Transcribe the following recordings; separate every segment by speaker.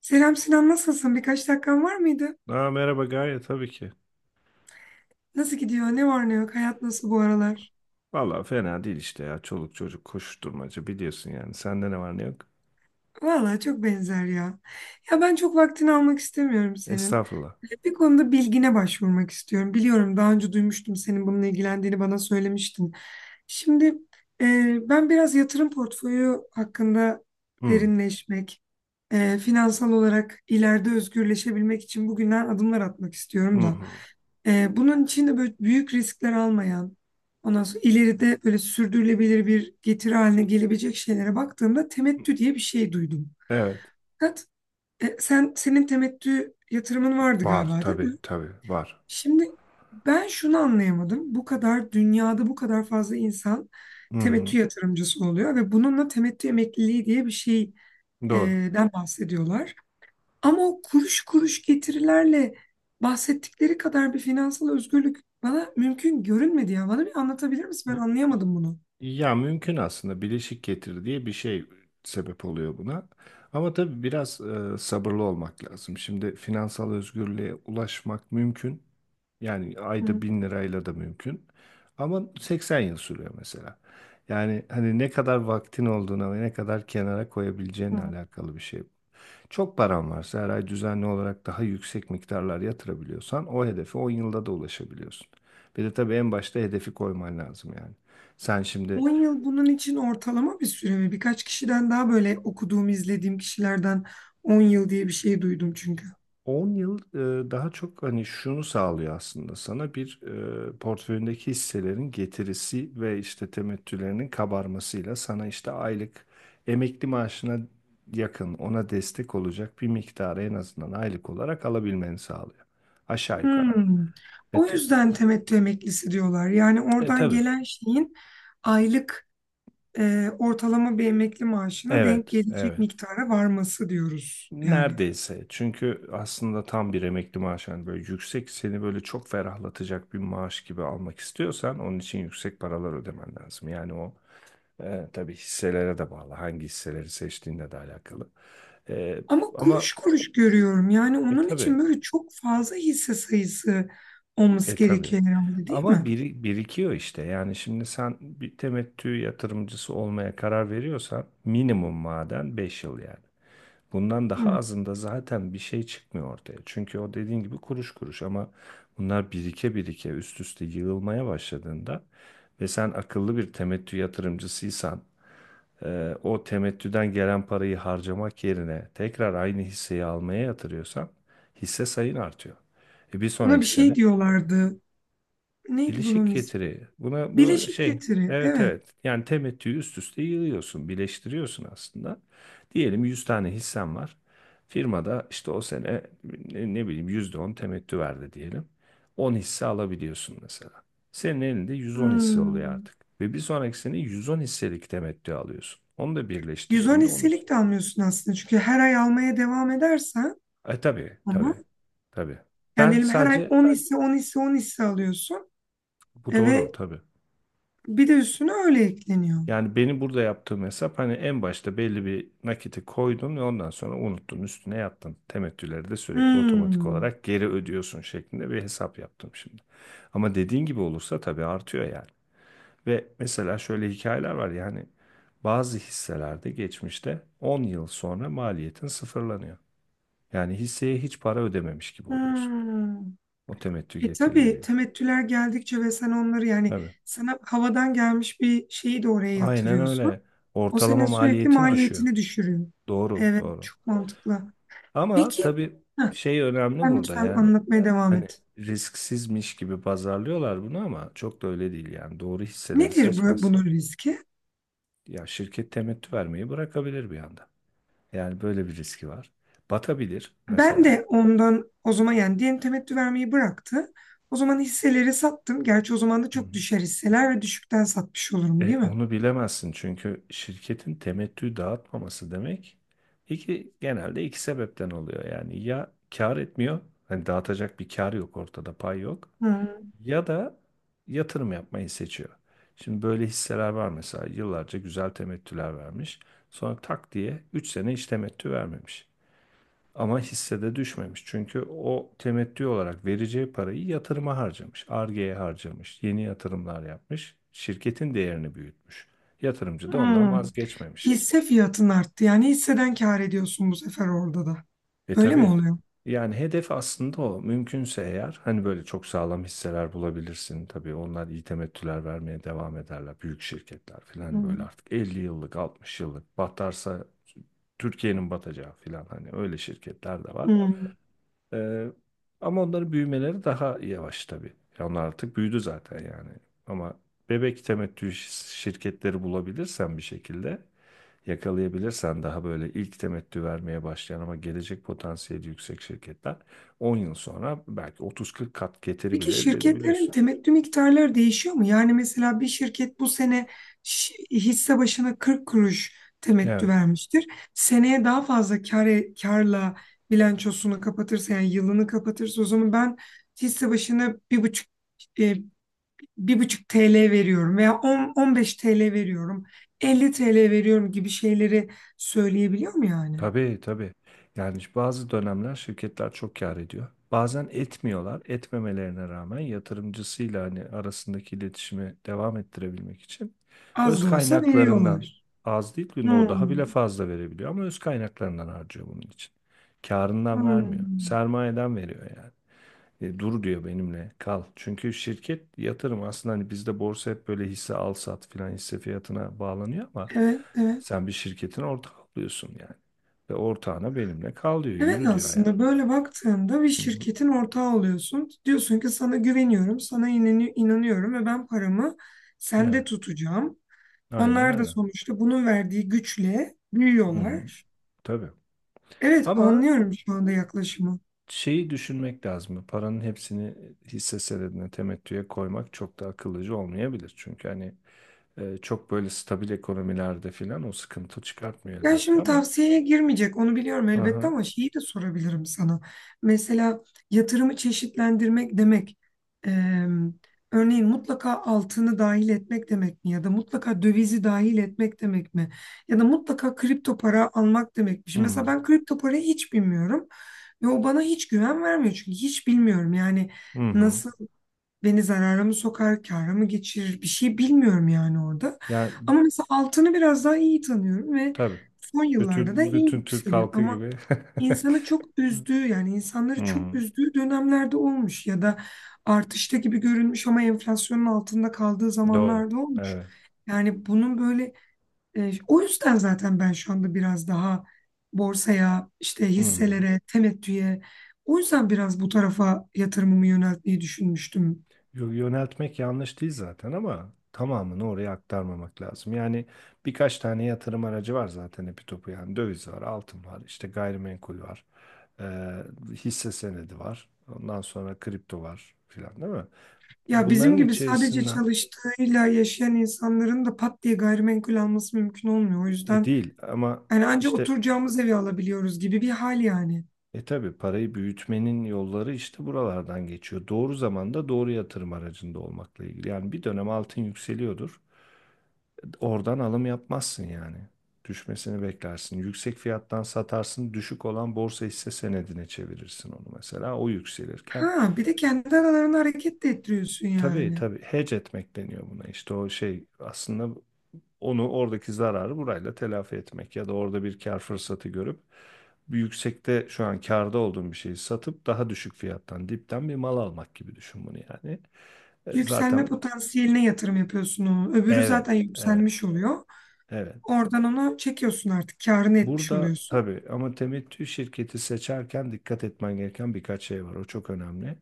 Speaker 1: Selam Sinan, nasılsın? Birkaç dakikan var mıydı?
Speaker 2: Merhaba Gaye, tabii ki.
Speaker 1: Nasıl gidiyor? Ne var ne yok? Hayat nasıl bu aralar?
Speaker 2: Vallahi fena değil işte ya. Çoluk çocuk koşuşturmaca biliyorsun yani. Sende ne var ne yok?
Speaker 1: Vallahi çok benzer ya. Ya ben çok vaktini almak istemiyorum senin.
Speaker 2: Estağfurullah.
Speaker 1: Bir konuda bilgine başvurmak istiyorum. Biliyorum, daha önce duymuştum, senin bununla ilgilendiğini bana söylemiştin. Şimdi ben biraz yatırım portföyü hakkında
Speaker 2: Hı,
Speaker 1: derinleşmek, finansal olarak ileride özgürleşebilmek için bugünden adımlar atmak
Speaker 2: hı,
Speaker 1: istiyorum da.
Speaker 2: hı.
Speaker 1: Bunun için de böyle büyük riskler almayan, ondan sonra ileride böyle sürdürülebilir bir getiri haline gelebilecek şeylere baktığımda temettü diye bir şey duydum.
Speaker 2: Evet.
Speaker 1: Fakat senin temettü yatırımın vardı
Speaker 2: Var
Speaker 1: galiba, değil
Speaker 2: tabii
Speaker 1: mi?
Speaker 2: tabii var.
Speaker 1: Şimdi ben şunu anlayamadım. Bu kadar dünyada bu kadar fazla insan
Speaker 2: Hı hı.
Speaker 1: temettü yatırımcısı oluyor ve bununla temettü emekliliği diye bir şeyden
Speaker 2: Doğru.
Speaker 1: bahsediyorlar. Ama o kuruş kuruş getirilerle bahsettikleri kadar bir finansal özgürlük bana mümkün görünmedi ya. Bana bir anlatabilir misin? Ben anlayamadım bunu.
Speaker 2: Ya mümkün aslında, bileşik getir diye bir şey sebep oluyor buna. Ama tabii biraz sabırlı olmak lazım. Şimdi finansal özgürlüğe ulaşmak mümkün. Yani ayda
Speaker 1: Hı
Speaker 2: 1.000 lirayla da mümkün. Ama 80 yıl sürüyor mesela. Yani hani ne kadar vaktin olduğuna ve ne kadar kenara koyabileceğinle
Speaker 1: hı.
Speaker 2: alakalı bir şey. Çok paran varsa her ay düzenli olarak daha yüksek miktarlar yatırabiliyorsan o hedefe 10 yılda da ulaşabiliyorsun. Bir de tabii en başta hedefi koyman lazım yani. Sen şimdi
Speaker 1: 10 yıl bunun için ortalama bir süre mi? Birkaç kişiden, daha böyle okuduğum, izlediğim kişilerden 10 yıl diye bir şey duydum çünkü.
Speaker 2: 10 yıl, daha çok hani şunu sağlıyor aslında sana: bir, portföyündeki hisselerin getirisi ve işte temettülerinin kabarmasıyla sana işte aylık emekli maaşına yakın, ona destek olacak bir miktarı en azından aylık olarak alabilmeni sağlıyor. Aşağı yukarı ama.
Speaker 1: Hmm.
Speaker 2: E,
Speaker 1: O
Speaker 2: t-
Speaker 1: yüzden temettü emeklisi diyorlar. Yani
Speaker 2: e
Speaker 1: oradan
Speaker 2: tabii.
Speaker 1: gelen şeyin aylık, ortalama bir emekli maaşına denk
Speaker 2: Evet,
Speaker 1: gelecek
Speaker 2: evet.
Speaker 1: miktara varması diyoruz yani.
Speaker 2: Neredeyse. Çünkü aslında tam bir emekli maaşı, hani böyle yüksek, seni böyle çok ferahlatacak bir maaş gibi almak istiyorsan onun için yüksek paralar ödemen lazım. Tabii, hisselere de bağlı. Hangi hisseleri seçtiğinle de alakalı. E,
Speaker 1: Ama
Speaker 2: ama
Speaker 1: kuruş kuruş görüyorum. Yani onun
Speaker 2: tabii,
Speaker 1: için böyle çok fazla hisse sayısı olması
Speaker 2: tabii.
Speaker 1: gerekiyor herhalde, değil
Speaker 2: Ama
Speaker 1: mi?
Speaker 2: biri, birikiyor işte. Yani şimdi sen bir temettü yatırımcısı olmaya karar veriyorsan minimum maden 5 yıl yani. Bundan daha
Speaker 1: Hı.
Speaker 2: azında zaten bir şey çıkmıyor ortaya. Çünkü o, dediğin gibi, kuruş kuruş ama bunlar birike birike üst üste yığılmaya başladığında ve sen akıllı bir temettü yatırımcısıysan, o temettüden gelen parayı harcamak yerine tekrar aynı hisseyi almaya yatırıyorsan hisse sayın artıyor. E, bir
Speaker 1: Buna bir
Speaker 2: sonraki
Speaker 1: şey
Speaker 2: sene
Speaker 1: diyorlardı. Neydi
Speaker 2: Bileşik
Speaker 1: bunun ismi?
Speaker 2: getiri. Buna bu
Speaker 1: Bileşik
Speaker 2: şey.
Speaker 1: getiri.
Speaker 2: Evet
Speaker 1: Evet.
Speaker 2: evet. Yani temettüyü üst üste yığıyorsun, birleştiriyorsun aslında. Diyelim 100 tane hissen var. Firmada işte o sene, ne bileyim, %10 temettü verdi diyelim. 10 hisse alabiliyorsun mesela. Senin elinde 110 hisse oluyor
Speaker 1: Hmm.
Speaker 2: artık. Ve bir sonraki sene 110 hisselik temettü alıyorsun. Onu da
Speaker 1: 110
Speaker 2: birleştirdiğinde onun üstüne.
Speaker 1: hisselik de almıyorsun aslında. Çünkü her ay almaya devam edersen
Speaker 2: Tabii
Speaker 1: ama
Speaker 2: tabii tabii.
Speaker 1: yani
Speaker 2: Ben
Speaker 1: diyelim her ay
Speaker 2: sadece
Speaker 1: 10 hisse, 10 hisse, 10 hisse alıyorsun.
Speaker 2: Bu
Speaker 1: E
Speaker 2: doğru
Speaker 1: ve
Speaker 2: tabii.
Speaker 1: bir de üstüne öyle ekleniyor.
Speaker 2: Yani benim burada yaptığım hesap, hani en başta belli bir nakiti koydun ve ondan sonra unuttun, üstüne yattın. Temettüleri de sürekli otomatik
Speaker 1: Hmm.
Speaker 2: olarak geri ödüyorsun şeklinde bir hesap yaptım şimdi. Ama dediğin gibi olursa tabii artıyor yani. Ve mesela şöyle hikayeler var yani, bazı hisselerde geçmişte 10 yıl sonra maliyetin sıfırlanıyor. Yani hisseye hiç para ödememiş gibi oluyorsun.
Speaker 1: Hmm.
Speaker 2: O temettü
Speaker 1: E tabii,
Speaker 2: getirileriyle.
Speaker 1: temettüler geldikçe ve sen onları yani
Speaker 2: Tabii.
Speaker 1: sana havadan gelmiş bir şeyi de oraya
Speaker 2: Aynen
Speaker 1: yatırıyorsun.
Speaker 2: öyle.
Speaker 1: O senin
Speaker 2: Ortalama
Speaker 1: sürekli
Speaker 2: maliyetin düşüyor.
Speaker 1: maliyetini düşürüyor.
Speaker 2: Doğru,
Speaker 1: Evet,
Speaker 2: doğru.
Speaker 1: çok mantıklı.
Speaker 2: Ama
Speaker 1: Peki,
Speaker 2: tabii
Speaker 1: heh,
Speaker 2: şey önemli
Speaker 1: sen
Speaker 2: burada
Speaker 1: lütfen
Speaker 2: yani,
Speaker 1: anlatmaya devam
Speaker 2: hani
Speaker 1: et.
Speaker 2: risksizmiş gibi pazarlıyorlar bunu ama çok da öyle değil yani, doğru hisseleri
Speaker 1: Nedir bu,
Speaker 2: seçmezsen
Speaker 1: bunun riski?
Speaker 2: ya şirket temettü vermeyi bırakabilir bir anda. Yani böyle bir riski var. Batabilir
Speaker 1: Ben
Speaker 2: mesela.
Speaker 1: de ondan, o zaman yani diyelim temettü vermeyi bıraktı. O zaman hisseleri sattım. Gerçi o zaman da
Speaker 2: Hı hı.
Speaker 1: çok düşer hisseler ve düşükten satmış olurum, değil mi?
Speaker 2: Onu bilemezsin çünkü şirketin temettü dağıtmaması demek genelde iki sebepten oluyor. Yani ya kar etmiyor, hani dağıtacak bir kar yok ortada, pay yok.
Speaker 1: Hmm.
Speaker 2: Ya da yatırım yapmayı seçiyor. Şimdi böyle hisseler var mesela, yıllarca güzel temettüler vermiş. Sonra tak diye 3 sene hiç temettü vermemiş. Ama hissede düşmemiş. Çünkü o temettü olarak vereceği parayı yatırıma harcamış. Ar-Ge'ye harcamış. Yeni yatırımlar yapmış. Şirketin değerini büyütmüş. Yatırımcı da ondan
Speaker 1: Hmm.
Speaker 2: vazgeçmemiş.
Speaker 1: Hisse fiyatın arttı. Yani hisseden kâr ediyorsun bu sefer orada da. Öyle mi
Speaker 2: Tabii.
Speaker 1: oluyor?
Speaker 2: Yani hedef aslında o. Mümkünse eğer, hani böyle çok sağlam hisseler bulabilirsin. Tabii onlar iyi temettüler vermeye devam ederler. Büyük şirketler
Speaker 1: Hı.
Speaker 2: falan, böyle artık 50 yıllık, 60 yıllık, batarsa Türkiye'nin batacağı falan, hani öyle şirketler de var.
Speaker 1: Hmm.
Speaker 2: Ee, Ama onların büyümeleri daha yavaş tabii. Ya onlar artık büyüdü zaten yani. Ama bebek temettü şirketleri bulabilirsen bir şekilde, yakalayabilirsen, daha böyle ilk temettü vermeye başlayan ama gelecek potansiyeli yüksek şirketler, 10 yıl sonra belki 30-40 kat getiri
Speaker 1: Peki
Speaker 2: bile elde
Speaker 1: şirketlerin
Speaker 2: edebiliyorsun.
Speaker 1: temettü miktarları değişiyor mu? Yani mesela bir şirket bu sene hisse başına 40 kuruş temettü
Speaker 2: Evet.
Speaker 1: vermiştir. Seneye daha fazla karla bilançosunu kapatırsa, yani yılını kapatırsa o zaman ben hisse başına 1,5, e, 1,5 TL veriyorum veya 10, 15 TL veriyorum, 50 TL veriyorum gibi şeyleri söyleyebiliyor mu yani?
Speaker 2: Tabii tabii. Yani işte bazı dönemler şirketler çok kâr ediyor. Bazen etmiyorlar. Etmemelerine rağmen, yatırımcısıyla hani arasındaki iletişimi devam ettirebilmek için
Speaker 1: Az
Speaker 2: öz
Speaker 1: da olsa
Speaker 2: kaynaklarından,
Speaker 1: veriyorlar.
Speaker 2: az değil, günde o daha
Speaker 1: Hmm,
Speaker 2: bile fazla verebiliyor ama öz kaynaklarından harcıyor bunun için. Kârından vermiyor.
Speaker 1: hmm.
Speaker 2: Sermayeden veriyor yani. Dur diyor, benimle kal. Çünkü şirket yatırım aslında, hani bizde borsa hep böyle hisse al sat filan, hisse fiyatına bağlanıyor ama
Speaker 1: Evet, evet.
Speaker 2: sen bir şirketin ortağı oluyorsun yani. Ve ortağına benimle kal diyor,
Speaker 1: Evet,
Speaker 2: yürü diyor yani.
Speaker 1: aslında böyle baktığında bir
Speaker 2: Hı hı.
Speaker 1: şirketin ortağı oluyorsun. Diyorsun ki sana güveniyorum, sana inanıyorum ve ben paramı sende
Speaker 2: Evet,
Speaker 1: tutacağım.
Speaker 2: aynen
Speaker 1: Onlar da
Speaker 2: öyle.
Speaker 1: sonuçta bunun verdiği güçle
Speaker 2: Hı hı.
Speaker 1: büyüyorlar.
Speaker 2: Tabii.
Speaker 1: Evet,
Speaker 2: Ama
Speaker 1: anlıyorum şu anda yaklaşımı.
Speaker 2: şeyi düşünmek lazım. Paranın hepsini hisse senedine, temettüye koymak çok da akıllıca olmayabilir. Çünkü hani, çok böyle stabil ekonomilerde filan o sıkıntı çıkartmıyor
Speaker 1: Ya
Speaker 2: elbette,
Speaker 1: şimdi
Speaker 2: ama.
Speaker 1: tavsiyeye girmeyecek onu biliyorum elbette
Speaker 2: Aha.
Speaker 1: ama şeyi de sorabilirim sana. Mesela yatırımı çeşitlendirmek demek, eee, örneğin mutlaka altını dahil etmek demek mi? Ya da mutlaka dövizi dahil etmek demek mi? Ya da mutlaka kripto para almak demekmiş. Mesela
Speaker 2: Hı.
Speaker 1: ben kripto parayı hiç bilmiyorum ve o bana hiç güven vermiyor, çünkü hiç bilmiyorum yani
Speaker 2: Hı hı.
Speaker 1: nasıl, beni zarara mı sokar, kâra mı geçirir, bir şey bilmiyorum yani orada.
Speaker 2: Yani
Speaker 1: Ama mesela altını biraz daha iyi tanıyorum ve
Speaker 2: tabii.
Speaker 1: son yıllarda da
Speaker 2: Bütün
Speaker 1: iyi
Speaker 2: bütün Türk
Speaker 1: yükseliyor.
Speaker 2: halkı
Speaker 1: Ama
Speaker 2: gibi.
Speaker 1: insanı çok üzdüğü, yani
Speaker 2: Hı
Speaker 1: insanları çok
Speaker 2: hı.
Speaker 1: üzdüğü dönemlerde olmuş ya da artışta gibi görünmüş ama enflasyonun altında kaldığı
Speaker 2: Doğru.
Speaker 1: zamanlarda olmuş.
Speaker 2: Evet.
Speaker 1: Yani bunun böyle, o yüzden zaten ben şu anda biraz daha borsaya, işte
Speaker 2: Hı hı.
Speaker 1: hisselere, temettüye, o yüzden biraz bu tarafa yatırımımı yöneltmeyi düşünmüştüm.
Speaker 2: Yöneltmek yanlış değil zaten ama tamamını oraya aktarmamak lazım. Yani birkaç tane yatırım aracı var zaten epi topu yani: döviz var, altın var, işte gayrimenkul var, e, hisse senedi var, ondan sonra kripto var filan değil mi?
Speaker 1: Ya bizim
Speaker 2: Bunların
Speaker 1: gibi sadece
Speaker 2: içerisinden,
Speaker 1: çalıştığıyla yaşayan insanların da pat diye gayrimenkul alması mümkün olmuyor. O yüzden
Speaker 2: değil ama
Speaker 1: yani ancak
Speaker 2: işte...
Speaker 1: oturacağımız evi alabiliyoruz gibi bir hal yani.
Speaker 2: Tabii, parayı büyütmenin yolları işte buralardan geçiyor. Doğru zamanda doğru yatırım aracında olmakla ilgili. Yani bir dönem altın yükseliyordur. Oradan alım yapmazsın yani. Düşmesini beklersin. Yüksek fiyattan satarsın. Düşük olan borsa, hisse senedine çevirirsin onu mesela. O yükselirken...
Speaker 1: Ha, bir de kendi aralarını hareket de ettiriyorsun
Speaker 2: Tabii
Speaker 1: yani.
Speaker 2: tabii, hedge etmek deniyor buna. İşte o şey aslında, onu, oradaki zararı burayla telafi etmek ya da orada bir kar fırsatı görüp bir yüksekte şu an karda olduğum bir şeyi satıp daha düşük fiyattan dipten bir mal almak gibi düşün bunu yani.
Speaker 1: Yükselme
Speaker 2: Zaten
Speaker 1: potansiyeline yatırım yapıyorsun onu. Öbürü
Speaker 2: evet,
Speaker 1: zaten
Speaker 2: evet
Speaker 1: yükselmiş oluyor.
Speaker 2: evet.
Speaker 1: Oradan onu çekiyorsun artık. Kârını etmiş
Speaker 2: Burada
Speaker 1: oluyorsun.
Speaker 2: tabii, ama temettü şirketi seçerken dikkat etmen gereken birkaç şey var. O çok önemli.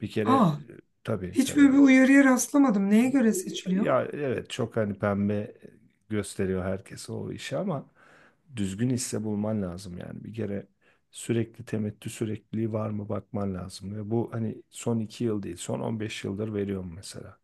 Speaker 2: Bir kere,
Speaker 1: Aa,
Speaker 2: tabii
Speaker 1: hiç
Speaker 2: tabii
Speaker 1: böyle bir
Speaker 2: yani.
Speaker 1: uyarıya rastlamadım. Neye göre seçiliyor?
Speaker 2: Ya evet, çok hani pembe gösteriyor herkese o işi ama düzgün hisse bulman lazım yani. Bir kere sürekli temettü sürekliliği var mı bakman lazım. Ve bu hani son 2 yıl değil, son 15 yıldır veriyorum mesela.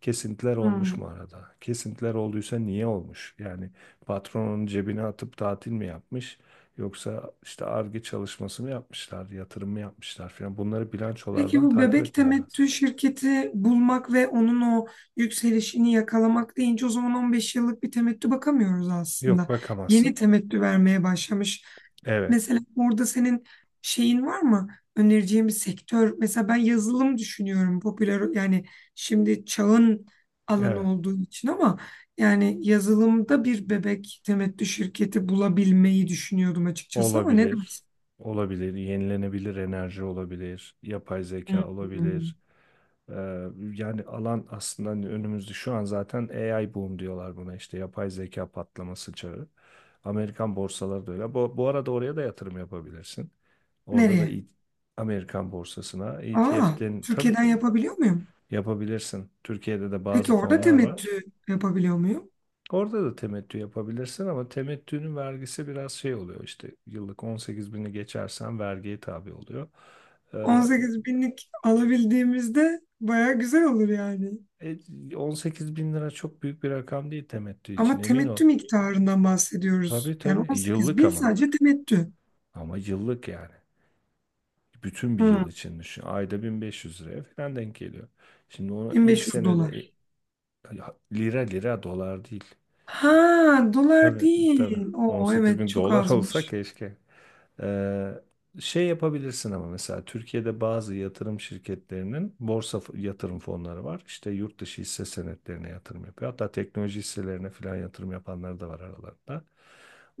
Speaker 2: Kesintiler olmuş mu
Speaker 1: Hmm.
Speaker 2: arada? Kesintiler olduysa niye olmuş? Yani patronun cebine atıp tatil mi yapmış? Yoksa işte Ar-Ge çalışması mı yapmışlar, yatırım mı yapmışlar falan. Bunları
Speaker 1: Peki
Speaker 2: bilançolardan
Speaker 1: bu
Speaker 2: takip
Speaker 1: bebek
Speaker 2: etmen lazım.
Speaker 1: temettü şirketi bulmak ve onun o yükselişini yakalamak deyince, o zaman 15 yıllık bir temettü bakamıyoruz
Speaker 2: Yok
Speaker 1: aslında. Yeni
Speaker 2: bakamazsın.
Speaker 1: temettü vermeye başlamış.
Speaker 2: Evet.
Speaker 1: Mesela orada senin şeyin var mı? Önereceğin bir sektör. Mesela ben yazılım düşünüyorum. Popüler yani, şimdi çağın alanı
Speaker 2: Evet.
Speaker 1: olduğu için ama yani yazılımda bir bebek temettü şirketi bulabilmeyi düşünüyordum açıkçası, ama ne
Speaker 2: Olabilir.
Speaker 1: dersin?
Speaker 2: Olabilir. Yenilenebilir enerji olabilir. Yapay zeka
Speaker 1: Hmm.
Speaker 2: olabilir. Ee, Yani alan aslında hani önümüzde şu an zaten, AI boom diyorlar buna, işte yapay zeka patlaması çağı. Amerikan borsaları da öyle. Bu arada oraya da yatırım yapabilirsin. Orada da
Speaker 1: Nereye?
Speaker 2: Amerikan borsasına
Speaker 1: Aa,
Speaker 2: ETF'den, tabii
Speaker 1: Türkiye'den
Speaker 2: tabii
Speaker 1: yapabiliyor muyum?
Speaker 2: yapabilirsin. Türkiye'de de bazı
Speaker 1: Peki orada
Speaker 2: fonlar
Speaker 1: temettü
Speaker 2: var.
Speaker 1: yapabiliyor muyum?
Speaker 2: Orada da temettü yapabilirsin ama temettünün vergisi biraz şey oluyor, işte yıllık 18 bini geçersen vergiye tabi oluyor. Ee,
Speaker 1: 18 binlik alabildiğimizde baya güzel olur yani.
Speaker 2: 18 bin lira çok büyük bir rakam değil temettü için,
Speaker 1: Ama
Speaker 2: emin ol.
Speaker 1: temettü miktarından
Speaker 2: Tabii
Speaker 1: bahsediyoruz. Yani
Speaker 2: tabii
Speaker 1: 18
Speaker 2: yıllık,
Speaker 1: bin
Speaker 2: ama
Speaker 1: sadece temettü.
Speaker 2: ama yıllık yani. Bütün bir
Speaker 1: Hmm,
Speaker 2: yıl için düşün. Ayda 1500 liraya falan denk geliyor. Şimdi onu ilk
Speaker 1: 1500
Speaker 2: senede,
Speaker 1: dolar.
Speaker 2: lira, lira, dolar değil.
Speaker 1: Ha, dolar
Speaker 2: Tabii tabii,
Speaker 1: değil. Oo,
Speaker 2: 18
Speaker 1: evet,
Speaker 2: bin
Speaker 1: çok
Speaker 2: dolar olsa
Speaker 1: azmış.
Speaker 2: keşke. Ee, Şey yapabilirsin ama mesela Türkiye'de bazı yatırım şirketlerinin borsa yatırım fonları var. İşte yurt dışı hisse senetlerine yatırım yapıyor. Hatta teknoloji hisselerine falan yatırım yapanlar da var aralarında.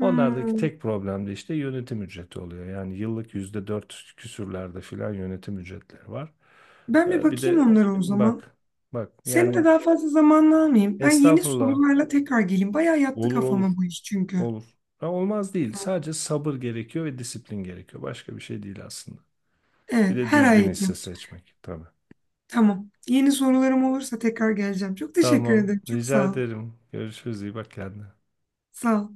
Speaker 2: Onlardaki tek problem de işte yönetim ücreti oluyor. Yani yıllık %4 küsürlerde falan yönetim ücretleri var.
Speaker 1: ben bir
Speaker 2: Bir
Speaker 1: bakayım
Speaker 2: de
Speaker 1: onlara o zaman.
Speaker 2: bak bak
Speaker 1: Seni de
Speaker 2: yani,
Speaker 1: daha fazla zamanını almayayım. Ben yeni
Speaker 2: estağfurullah,
Speaker 1: sorularla tekrar geleyim. Bayağı yattı
Speaker 2: olur olur
Speaker 1: kafama bu iş çünkü.
Speaker 2: olur. Ha, olmaz değil.
Speaker 1: Tamam.
Speaker 2: Sadece sabır gerekiyor ve disiplin gerekiyor. Başka bir şey değil aslında. Bir
Speaker 1: Evet,
Speaker 2: de
Speaker 1: her
Speaker 2: düzgün
Speaker 1: ay.
Speaker 2: hisse seçmek tabii.
Speaker 1: Tamam. Yeni sorularım olursa tekrar geleceğim. Çok teşekkür
Speaker 2: Tamam,
Speaker 1: ederim. Çok
Speaker 2: rica
Speaker 1: sağ ol.
Speaker 2: ederim. Görüşürüz, iyi bak kendine.
Speaker 1: Sağ ol.